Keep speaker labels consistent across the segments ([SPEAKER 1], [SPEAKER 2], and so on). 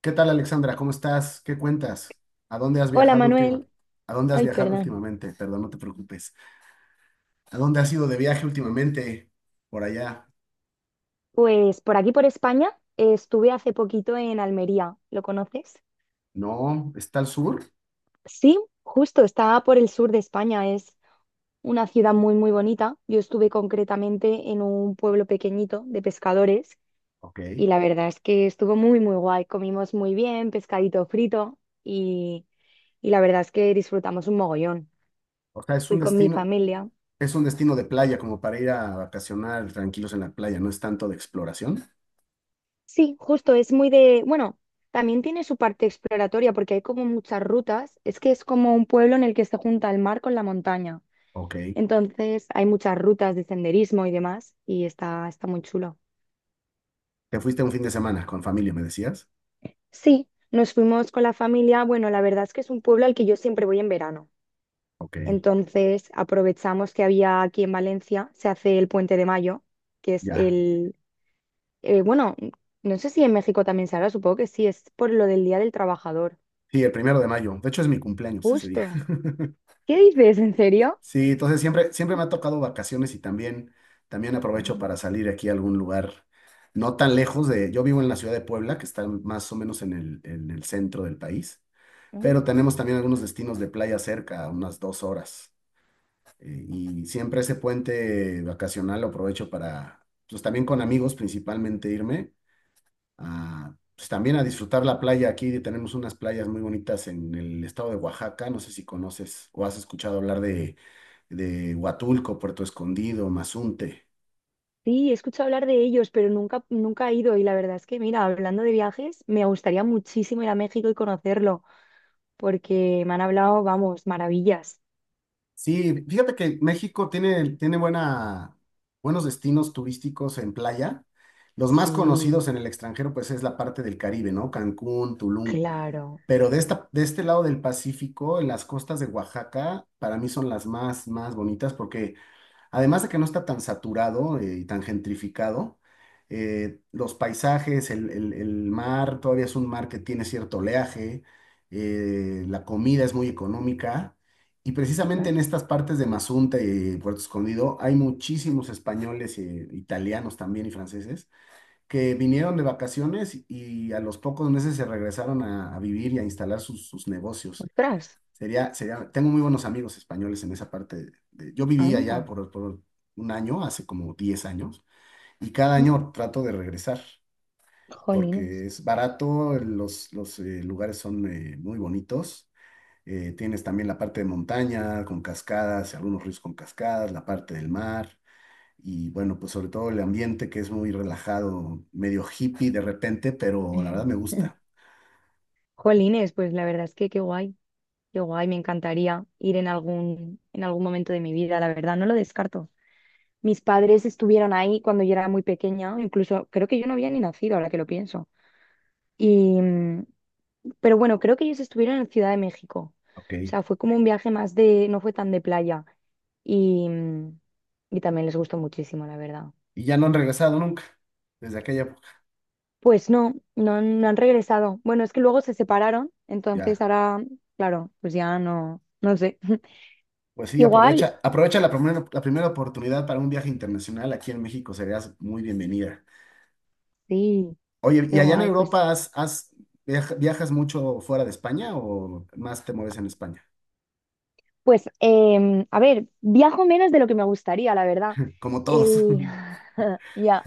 [SPEAKER 1] ¿Qué tal, Alexandra? ¿Cómo estás? ¿Qué cuentas? ¿A dónde has
[SPEAKER 2] Hola
[SPEAKER 1] viajado última-
[SPEAKER 2] Manuel,
[SPEAKER 1] ¿A dónde has
[SPEAKER 2] ay
[SPEAKER 1] viajado
[SPEAKER 2] perdón.
[SPEAKER 1] últimamente? Perdón, no te preocupes. ¿A dónde has ido de viaje últimamente? Por allá.
[SPEAKER 2] Pues por aquí por España estuve hace poquito en Almería, ¿lo conoces?
[SPEAKER 1] No, está al sur.
[SPEAKER 2] Sí, justo, está por el sur de España, es una ciudad muy muy bonita. Yo estuve concretamente en un pueblo pequeñito de pescadores
[SPEAKER 1] Ok.
[SPEAKER 2] y la verdad es que estuvo muy muy guay, comimos muy bien, pescadito frito y, y la verdad es que disfrutamos un mogollón.
[SPEAKER 1] O sea,
[SPEAKER 2] Fui con mi familia.
[SPEAKER 1] es un destino de playa, como para ir a vacacionar tranquilos en la playa, no es tanto de exploración.
[SPEAKER 2] Sí, justo, es muy de, bueno, también tiene su parte exploratoria porque hay como muchas rutas, es que es como un pueblo en el que se junta el mar con la montaña,
[SPEAKER 1] Ok.
[SPEAKER 2] entonces hay muchas rutas de senderismo y demás y está muy chulo.
[SPEAKER 1] Te fuiste un fin de semana con familia, me decías.
[SPEAKER 2] Sí, nos fuimos con la familia, bueno, la verdad es que es un pueblo al que yo siempre voy en verano,
[SPEAKER 1] Ok,
[SPEAKER 2] entonces aprovechamos que había aquí en Valencia, se hace el Puente de Mayo, que es
[SPEAKER 1] ya.
[SPEAKER 2] el, bueno, no sé si en México también se hará, supongo que sí, es por lo del Día del Trabajador,
[SPEAKER 1] Sí, el primero de mayo. De hecho, es mi cumpleaños ese día.
[SPEAKER 2] justo. ¿Qué dices? ¿En serio?
[SPEAKER 1] Sí, entonces siempre me ha tocado vacaciones y también aprovecho
[SPEAKER 2] Anda,
[SPEAKER 1] para salir aquí a algún lugar no tan lejos de, yo vivo en la ciudad de Puebla, que está más o menos en el centro del país, pero
[SPEAKER 2] mm.
[SPEAKER 1] tenemos también algunos destinos de playa cerca, a unas 2 horas. Y siempre ese puente vacacional lo aprovecho para, pues también con amigos principalmente irme a, pues también a disfrutar la playa. Aquí tenemos unas playas muy bonitas en el estado de Oaxaca. No sé si conoces o has escuchado hablar de Huatulco, Puerto Escondido, Mazunte.
[SPEAKER 2] Sí, he escuchado hablar de ellos, pero nunca, nunca he ido. Y la verdad es que, mira, hablando de viajes, me gustaría muchísimo ir a México y conocerlo, porque me han hablado, vamos, maravillas.
[SPEAKER 1] Sí, fíjate que México tiene buenos destinos turísticos en playa. Los más conocidos
[SPEAKER 2] Sí,
[SPEAKER 1] en el extranjero, pues es la parte del Caribe, ¿no? Cancún, Tulum.
[SPEAKER 2] claro.
[SPEAKER 1] Pero de este lado del Pacífico, en las costas de Oaxaca, para mí son más bonitas porque además de que no está tan saturado y tan gentrificado, los paisajes, el mar, todavía es un mar que tiene cierto oleaje, la comida es muy económica y precisamente
[SPEAKER 2] ¿No?
[SPEAKER 1] en estas partes de Mazunte y Puerto Escondido hay muchísimos españoles, italianos también y franceses que vinieron de vacaciones y a los pocos meses se regresaron a vivir y a instalar sus negocios.
[SPEAKER 2] Ostras,
[SPEAKER 1] Sería, tengo muy buenos amigos españoles en esa parte. Yo viví allá
[SPEAKER 2] anda.
[SPEAKER 1] por un año, hace como 10 años, y cada
[SPEAKER 2] Mm,
[SPEAKER 1] año trato de regresar,
[SPEAKER 2] jolines.
[SPEAKER 1] porque es barato, los lugares son muy bonitos. Tienes también la parte de montaña con cascadas, y algunos ríos con cascadas, la parte del mar, y bueno, pues sobre todo el ambiente que es muy relajado, medio hippie de repente, pero la verdad me gusta.
[SPEAKER 2] Jolines, pues la verdad es que qué guay, me encantaría ir en algún momento de mi vida, la verdad, no lo descarto. Mis padres estuvieron ahí cuando yo era muy pequeña, incluso creo que yo no había ni nacido, ahora que lo pienso. Y, mm, pero bueno, creo que ellos estuvieron en Ciudad de México.
[SPEAKER 1] Ok.
[SPEAKER 2] O sea, fue como un viaje más de, no fue tan de playa. Y, mm, y también les gustó muchísimo, la verdad.
[SPEAKER 1] Y ya no han regresado nunca, desde aquella época.
[SPEAKER 2] Pues no, no, han no han regresado. Bueno, es que luego se separaron, entonces
[SPEAKER 1] Ya.
[SPEAKER 2] ahora, claro, pues ya no, no sé.
[SPEAKER 1] Pues sí,
[SPEAKER 2] Igual,
[SPEAKER 1] aprovecha, aprovecha la primera oportunidad para un viaje internacional aquí en México, serías muy bienvenida.
[SPEAKER 2] sí,
[SPEAKER 1] Oye, ¿y
[SPEAKER 2] qué
[SPEAKER 1] allá en
[SPEAKER 2] guay, pues
[SPEAKER 1] Europa viajas mucho fuera de España o más te mueves en España?
[SPEAKER 2] pues, a ver, viajo menos de lo que me gustaría, la verdad.
[SPEAKER 1] Como todos.
[SPEAKER 2] El, ya,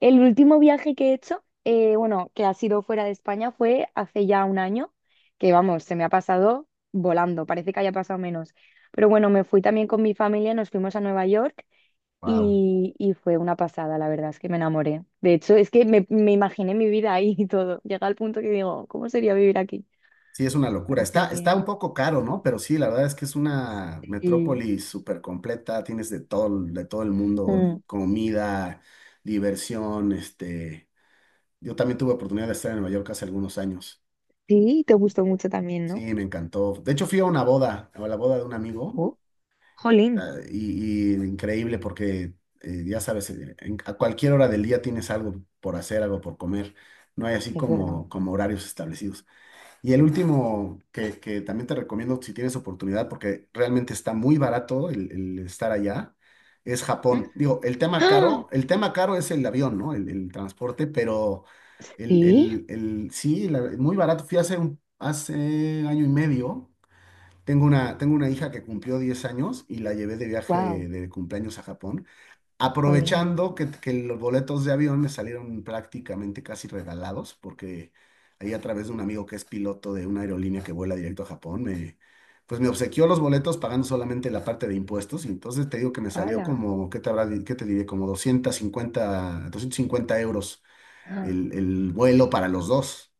[SPEAKER 2] el último viaje que he hecho, bueno, que ha sido fuera de España, fue hace ya un año, que vamos, se me ha pasado volando, parece que haya pasado menos. Pero bueno, me fui también con mi familia, nos fuimos a Nueva York
[SPEAKER 1] Wow.
[SPEAKER 2] y fue una pasada, la verdad, es que me enamoré. De hecho, es que me imaginé mi vida ahí y todo. Llega al punto que digo, ¿cómo sería vivir aquí?
[SPEAKER 1] Sí, es una locura.
[SPEAKER 2] Así
[SPEAKER 1] Está
[SPEAKER 2] que...
[SPEAKER 1] un poco caro, ¿no? Pero sí, la verdad es que es una
[SPEAKER 2] sí.
[SPEAKER 1] metrópoli súper completa. Tienes de todo, de todo el mundo,
[SPEAKER 2] Mm.
[SPEAKER 1] comida, diversión, este. Yo también tuve oportunidad de estar en Nueva York hace algunos años.
[SPEAKER 2] Sí, te gustó mucho también,
[SPEAKER 1] Sí,
[SPEAKER 2] ¿no?
[SPEAKER 1] me encantó. De hecho, fui a una boda, a la boda de un amigo,
[SPEAKER 2] Oh, jolín,
[SPEAKER 1] y increíble porque, ya sabes, a cualquier hora del día tienes algo por hacer, algo por comer. No hay así
[SPEAKER 2] es verdad.
[SPEAKER 1] como, como horarios establecidos. Y el último que también te recomiendo si tienes oportunidad, porque realmente está muy barato el estar allá, es
[SPEAKER 2] ¿Mm?
[SPEAKER 1] Japón. Digo,
[SPEAKER 2] ¡Ah!
[SPEAKER 1] el tema caro es el avión, ¿no? El transporte, pero
[SPEAKER 2] Sí,
[SPEAKER 1] muy barato. Fui hace, un, hace año y medio tengo tengo una hija que cumplió 10 años y la llevé de
[SPEAKER 2] wow,
[SPEAKER 1] viaje de cumpleaños a Japón,
[SPEAKER 2] jolín.
[SPEAKER 1] aprovechando que los boletos de avión me salieron prácticamente casi regalados, porque ahí a través de un amigo que es piloto de una aerolínea que vuela directo a Japón, me, pues me obsequió los boletos pagando solamente la parte de impuestos y entonces te digo que me salió
[SPEAKER 2] Ala.
[SPEAKER 1] como, ¿qué te habrá, qué te diré? Como 250 euros
[SPEAKER 2] ¡Ah!
[SPEAKER 1] el vuelo para los dos.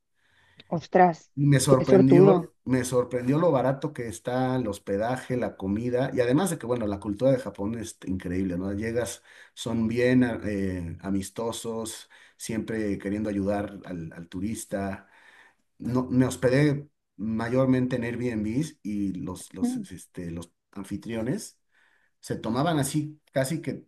[SPEAKER 2] Ostras,
[SPEAKER 1] Y
[SPEAKER 2] qué sortudo.
[SPEAKER 1] me sorprendió lo barato que está el hospedaje, la comida, y además de que, bueno, la cultura de Japón es increíble, ¿no? Llegas, son amistosos, siempre queriendo ayudar al turista. No, me hospedé mayormente en Airbnbs y
[SPEAKER 2] Mm,
[SPEAKER 1] los anfitriones se tomaban así casi que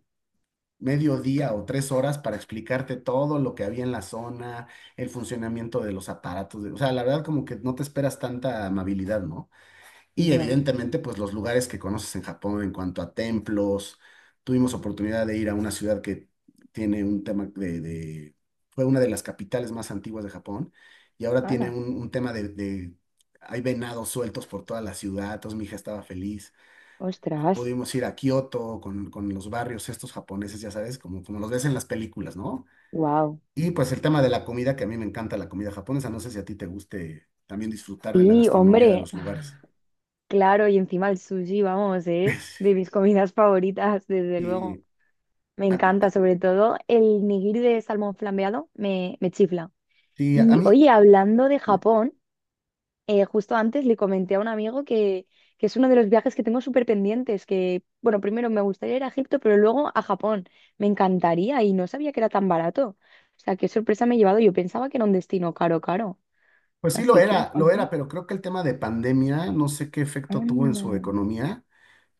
[SPEAKER 1] medio día o 3 horas para explicarte todo lo que había en la zona, el funcionamiento de los aparatos. O sea, la verdad como que no te esperas tanta amabilidad, ¿no? Y
[SPEAKER 2] ya,
[SPEAKER 1] evidentemente, pues los lugares que conoces en Japón en cuanto a templos. Tuvimos oportunidad de ir a una ciudad que tiene un tema de, fue una de las capitales más antiguas de Japón y ahora tiene
[SPEAKER 2] ala.
[SPEAKER 1] un tema de, hay venados sueltos por toda la ciudad, entonces mi hija estaba feliz.
[SPEAKER 2] Ostras,
[SPEAKER 1] Pudimos ir a Kioto con los barrios estos japoneses, ya sabes, como, como los ves en las películas, ¿no?
[SPEAKER 2] wow.
[SPEAKER 1] Y pues el tema de la comida, que a mí me encanta la comida japonesa, no sé si a ti te guste también disfrutar de la
[SPEAKER 2] Y
[SPEAKER 1] gastronomía de
[SPEAKER 2] hombre,
[SPEAKER 1] los lugares.
[SPEAKER 2] ah, claro, y encima el sushi, vamos, es de mis comidas favoritas, desde
[SPEAKER 1] Y
[SPEAKER 2] luego. Me
[SPEAKER 1] a,
[SPEAKER 2] encanta,
[SPEAKER 1] a-
[SPEAKER 2] sobre todo el nigiri de salmón flambeado, me chifla.
[SPEAKER 1] sí, a
[SPEAKER 2] Y
[SPEAKER 1] mí,
[SPEAKER 2] oye, hablando de Japón. Justo antes le comenté a un amigo que es uno de los viajes que tengo súper pendientes, que, bueno, primero me gustaría ir a Egipto, pero luego a Japón. Me encantaría y no sabía que era tan barato. O sea, qué sorpresa me he llevado. Yo pensaba que era un destino caro, caro.
[SPEAKER 1] pues sí
[SPEAKER 2] Así que,
[SPEAKER 1] lo era,
[SPEAKER 2] jolín,
[SPEAKER 1] pero creo que el tema de pandemia, no sé qué efecto tuvo en
[SPEAKER 2] anda.
[SPEAKER 1] su economía,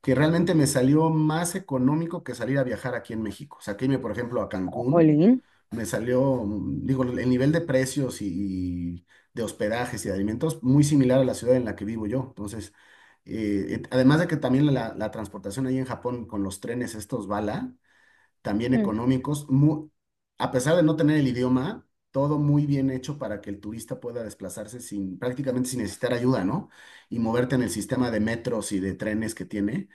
[SPEAKER 1] que realmente me salió más económico que salir a viajar aquí en México. O sea, que irme, por ejemplo, a Cancún.
[SPEAKER 2] Jolín.
[SPEAKER 1] Me salió, digo, el nivel de precios y de hospedajes y de alimentos muy similar a la ciudad en la que vivo yo. Entonces, además de que también la transportación ahí en Japón con los trenes estos bala, también
[SPEAKER 2] Mm,
[SPEAKER 1] económicos, a pesar de no tener el idioma, todo muy bien hecho para que el turista pueda desplazarse sin, prácticamente sin necesitar ayuda, ¿no? Y moverte en el sistema de metros y de trenes que tiene.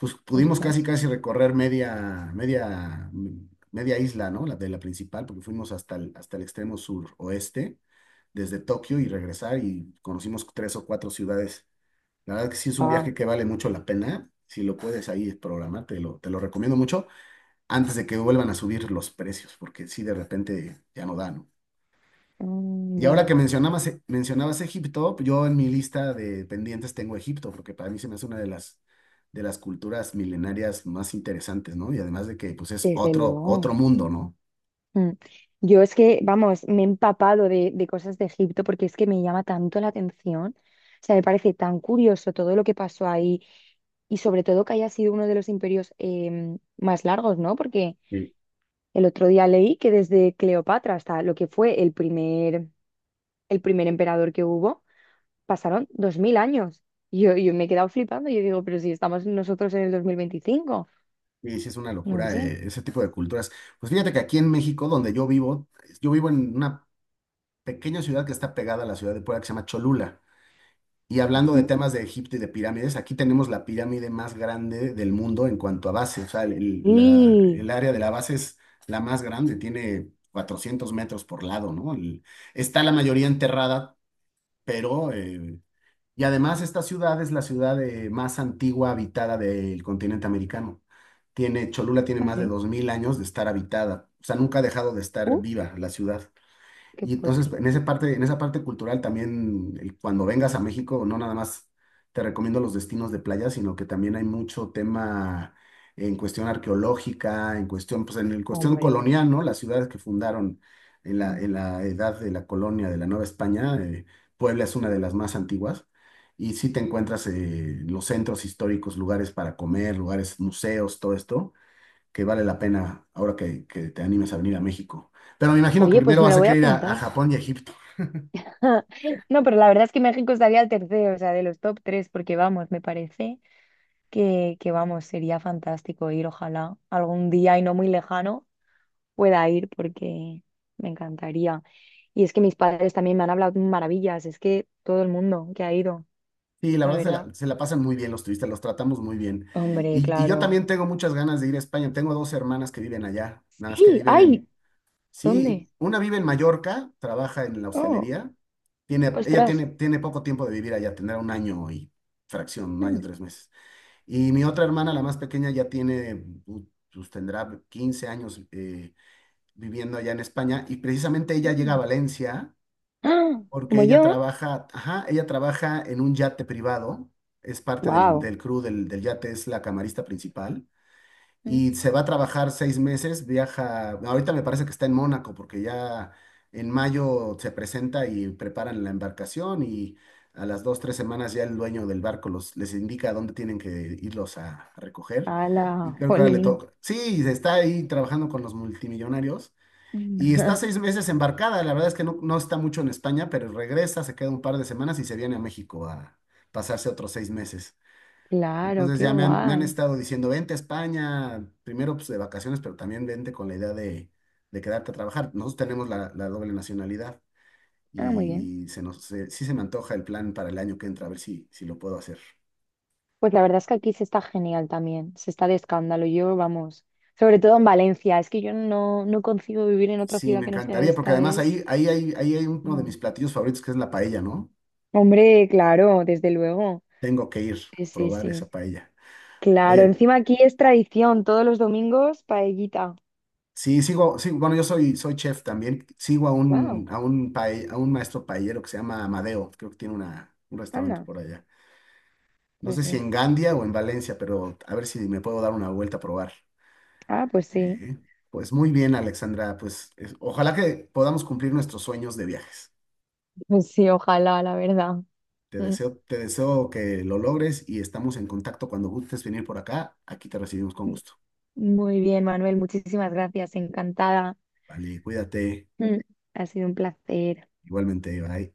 [SPEAKER 1] Pues pudimos casi
[SPEAKER 2] ostras.
[SPEAKER 1] casi recorrer media isla, ¿no? La de la principal, porque fuimos hasta el extremo suroeste, desde Tokio y regresar y conocimos tres o cuatro ciudades. La verdad que sí es un viaje
[SPEAKER 2] Wow.
[SPEAKER 1] que vale mucho la pena. Si lo puedes ahí programar, te lo recomiendo mucho antes de que vuelvan a subir los precios, porque sí, de repente ya no da, ¿no? Y ahora
[SPEAKER 2] Ya.
[SPEAKER 1] que mencionabas, mencionabas Egipto, yo en mi lista de pendientes tengo Egipto, porque para mí se me hace una de las culturas milenarias más interesantes, ¿no? Y además de que pues es
[SPEAKER 2] Desde
[SPEAKER 1] otro,
[SPEAKER 2] luego.
[SPEAKER 1] otro mundo, ¿no?
[SPEAKER 2] Mm. Yo es que, vamos, me he empapado de cosas de Egipto porque es que me llama tanto la atención. O sea, me parece tan curioso todo lo que pasó ahí y sobre todo que haya sido uno de los imperios más largos, ¿no? Porque
[SPEAKER 1] Sí.
[SPEAKER 2] el otro día leí que desde Cleopatra hasta lo que fue el primer emperador que hubo, pasaron 2.000 años. Y yo me he quedado flipando, yo digo, pero si estamos nosotros en el 2025.
[SPEAKER 1] Y sí, es una
[SPEAKER 2] No
[SPEAKER 1] locura
[SPEAKER 2] sé.
[SPEAKER 1] ese tipo de culturas. Pues fíjate que aquí en México, donde yo vivo en una pequeña ciudad que está pegada a la ciudad de Puebla, que se llama Cholula. Y hablando de
[SPEAKER 2] Mm.
[SPEAKER 1] temas de Egipto y de pirámides, aquí tenemos la pirámide más grande del mundo en cuanto a base. O sea,
[SPEAKER 2] Y,
[SPEAKER 1] el área de la base es la más grande, tiene 400 metros por lado, ¿no? Está la mayoría enterrada, pero y además esta ciudad es la ciudad más antigua habitada del continente americano. Cholula tiene
[SPEAKER 2] no
[SPEAKER 1] más de
[SPEAKER 2] sé,
[SPEAKER 1] 2000 años de estar habitada. O sea, nunca ha dejado de estar
[SPEAKER 2] uh,
[SPEAKER 1] viva la ciudad.
[SPEAKER 2] qué
[SPEAKER 1] Y entonces,
[SPEAKER 2] fuerte.
[SPEAKER 1] en esa parte cultural también, cuando vengas a México, no nada más te recomiendo los destinos de playa, sino que también hay mucho tema en cuestión arqueológica, en cuestión, pues en el cuestión
[SPEAKER 2] Hombre,
[SPEAKER 1] colonial, ¿no? Las ciudades que fundaron
[SPEAKER 2] mm.
[SPEAKER 1] en la edad de la colonia de la Nueva España, Puebla es una de las más antiguas. Y sí te encuentras los centros históricos, lugares para comer, lugares, museos, todo esto que vale la pena ahora que te animes a venir a México. Pero me imagino que
[SPEAKER 2] Oye, pues
[SPEAKER 1] primero
[SPEAKER 2] me
[SPEAKER 1] vas
[SPEAKER 2] lo
[SPEAKER 1] a
[SPEAKER 2] voy a
[SPEAKER 1] querer ir a
[SPEAKER 2] apuntar.
[SPEAKER 1] Japón y a Egipto.
[SPEAKER 2] No, pero la verdad es que México estaría al tercero, o sea, de los top tres, porque vamos, me parece. Que vamos, sería fantástico ir, ojalá algún día y no muy lejano pueda ir porque me encantaría. Y es que mis padres también me han hablado maravillas, es que todo el mundo que ha ido,
[SPEAKER 1] Sí, la
[SPEAKER 2] la
[SPEAKER 1] verdad
[SPEAKER 2] verdad.
[SPEAKER 1] se la pasan muy bien los turistas, los tratamos muy bien.
[SPEAKER 2] Hombre,
[SPEAKER 1] Y yo
[SPEAKER 2] claro.
[SPEAKER 1] también tengo muchas ganas de ir a España. Tengo dos hermanas que viven allá, nada más que
[SPEAKER 2] Sí,
[SPEAKER 1] viven en,
[SPEAKER 2] ay,
[SPEAKER 1] sí,
[SPEAKER 2] ¿dónde?
[SPEAKER 1] una vive en Mallorca, trabaja en la
[SPEAKER 2] Oh,
[SPEAKER 1] hostelería. Ella
[SPEAKER 2] ostras.
[SPEAKER 1] tiene poco tiempo de vivir allá, tendrá un año y fracción, un año,
[SPEAKER 2] Mm,
[SPEAKER 1] 3 meses. Y mi otra hermana, la más pequeña, ya tiene, pues tendrá 15 años, viviendo allá en España, y precisamente ella llega a
[SPEAKER 2] mm.
[SPEAKER 1] Valencia
[SPEAKER 2] Ah,
[SPEAKER 1] porque
[SPEAKER 2] como
[SPEAKER 1] ella
[SPEAKER 2] yo.
[SPEAKER 1] trabaja, ajá, ella trabaja en un yate privado, es parte
[SPEAKER 2] Wow.
[SPEAKER 1] del crew del yate, es la camarista principal y se va a trabajar 6 meses, viaja, ahorita me parece que está en Mónaco porque ya en mayo se presenta y preparan la embarcación y a las dos, tres semanas ya el dueño del barco los, les indica a dónde tienen que irlos a recoger. Y
[SPEAKER 2] ¡Hala!
[SPEAKER 1] creo que ahora le
[SPEAKER 2] ¡Jolín!
[SPEAKER 1] toca. Sí, está ahí trabajando con los multimillonarios. Y está 6 meses embarcada, la verdad es que no, no está mucho en España, pero regresa, se queda un par de semanas y se viene a México a pasarse otros 6 meses.
[SPEAKER 2] Claro,
[SPEAKER 1] Entonces
[SPEAKER 2] qué
[SPEAKER 1] ya me han
[SPEAKER 2] guay.
[SPEAKER 1] estado diciendo, vente a España, primero pues, de vacaciones, pero también vente con la idea de quedarte a trabajar. Nosotros tenemos la doble nacionalidad
[SPEAKER 2] Ah, muy bien.
[SPEAKER 1] y sí se me antoja el plan para el año que entra, a ver si, si lo puedo hacer.
[SPEAKER 2] Pues la verdad es que aquí se está genial también, se está de escándalo. Yo, vamos, sobre todo en Valencia, es que yo no, no concibo vivir en otra
[SPEAKER 1] Sí,
[SPEAKER 2] ciudad
[SPEAKER 1] me
[SPEAKER 2] que no sea
[SPEAKER 1] encantaría, porque
[SPEAKER 2] esta,
[SPEAKER 1] además
[SPEAKER 2] es...
[SPEAKER 1] ahí hay uno de
[SPEAKER 2] Ya.
[SPEAKER 1] mis platillos favoritos que es la paella, ¿no?
[SPEAKER 2] Hombre, claro, desde luego.
[SPEAKER 1] Tengo que ir a
[SPEAKER 2] Sí, sí,
[SPEAKER 1] probar
[SPEAKER 2] sí.
[SPEAKER 1] esa paella.
[SPEAKER 2] Claro,
[SPEAKER 1] Oye,
[SPEAKER 2] encima aquí es tradición, todos los domingos paellita.
[SPEAKER 1] sí, sigo, sí, bueno, yo soy, soy chef también. Sigo
[SPEAKER 2] Wow,
[SPEAKER 1] a un maestro paellero que se llama Amadeo. Creo que tiene una, un restaurante
[SPEAKER 2] anda,
[SPEAKER 1] por allá. No sé
[SPEAKER 2] pues
[SPEAKER 1] si
[SPEAKER 2] sí.
[SPEAKER 1] en Gandia o en Valencia, pero a ver si me puedo dar una vuelta a probar.
[SPEAKER 2] Ah,
[SPEAKER 1] Ujú. Pues muy bien, Alexandra. Ojalá que podamos cumplir nuestros sueños de viajes.
[SPEAKER 2] pues sí, ojalá, la verdad. Mm.
[SPEAKER 1] Te deseo que lo logres y estamos en contacto cuando gustes venir por acá. Aquí te recibimos con gusto.
[SPEAKER 2] Muy bien, Manuel, muchísimas gracias, encantada.
[SPEAKER 1] Vale, cuídate.
[SPEAKER 2] Mm. Ha sido un placer.
[SPEAKER 1] Igualmente, bye.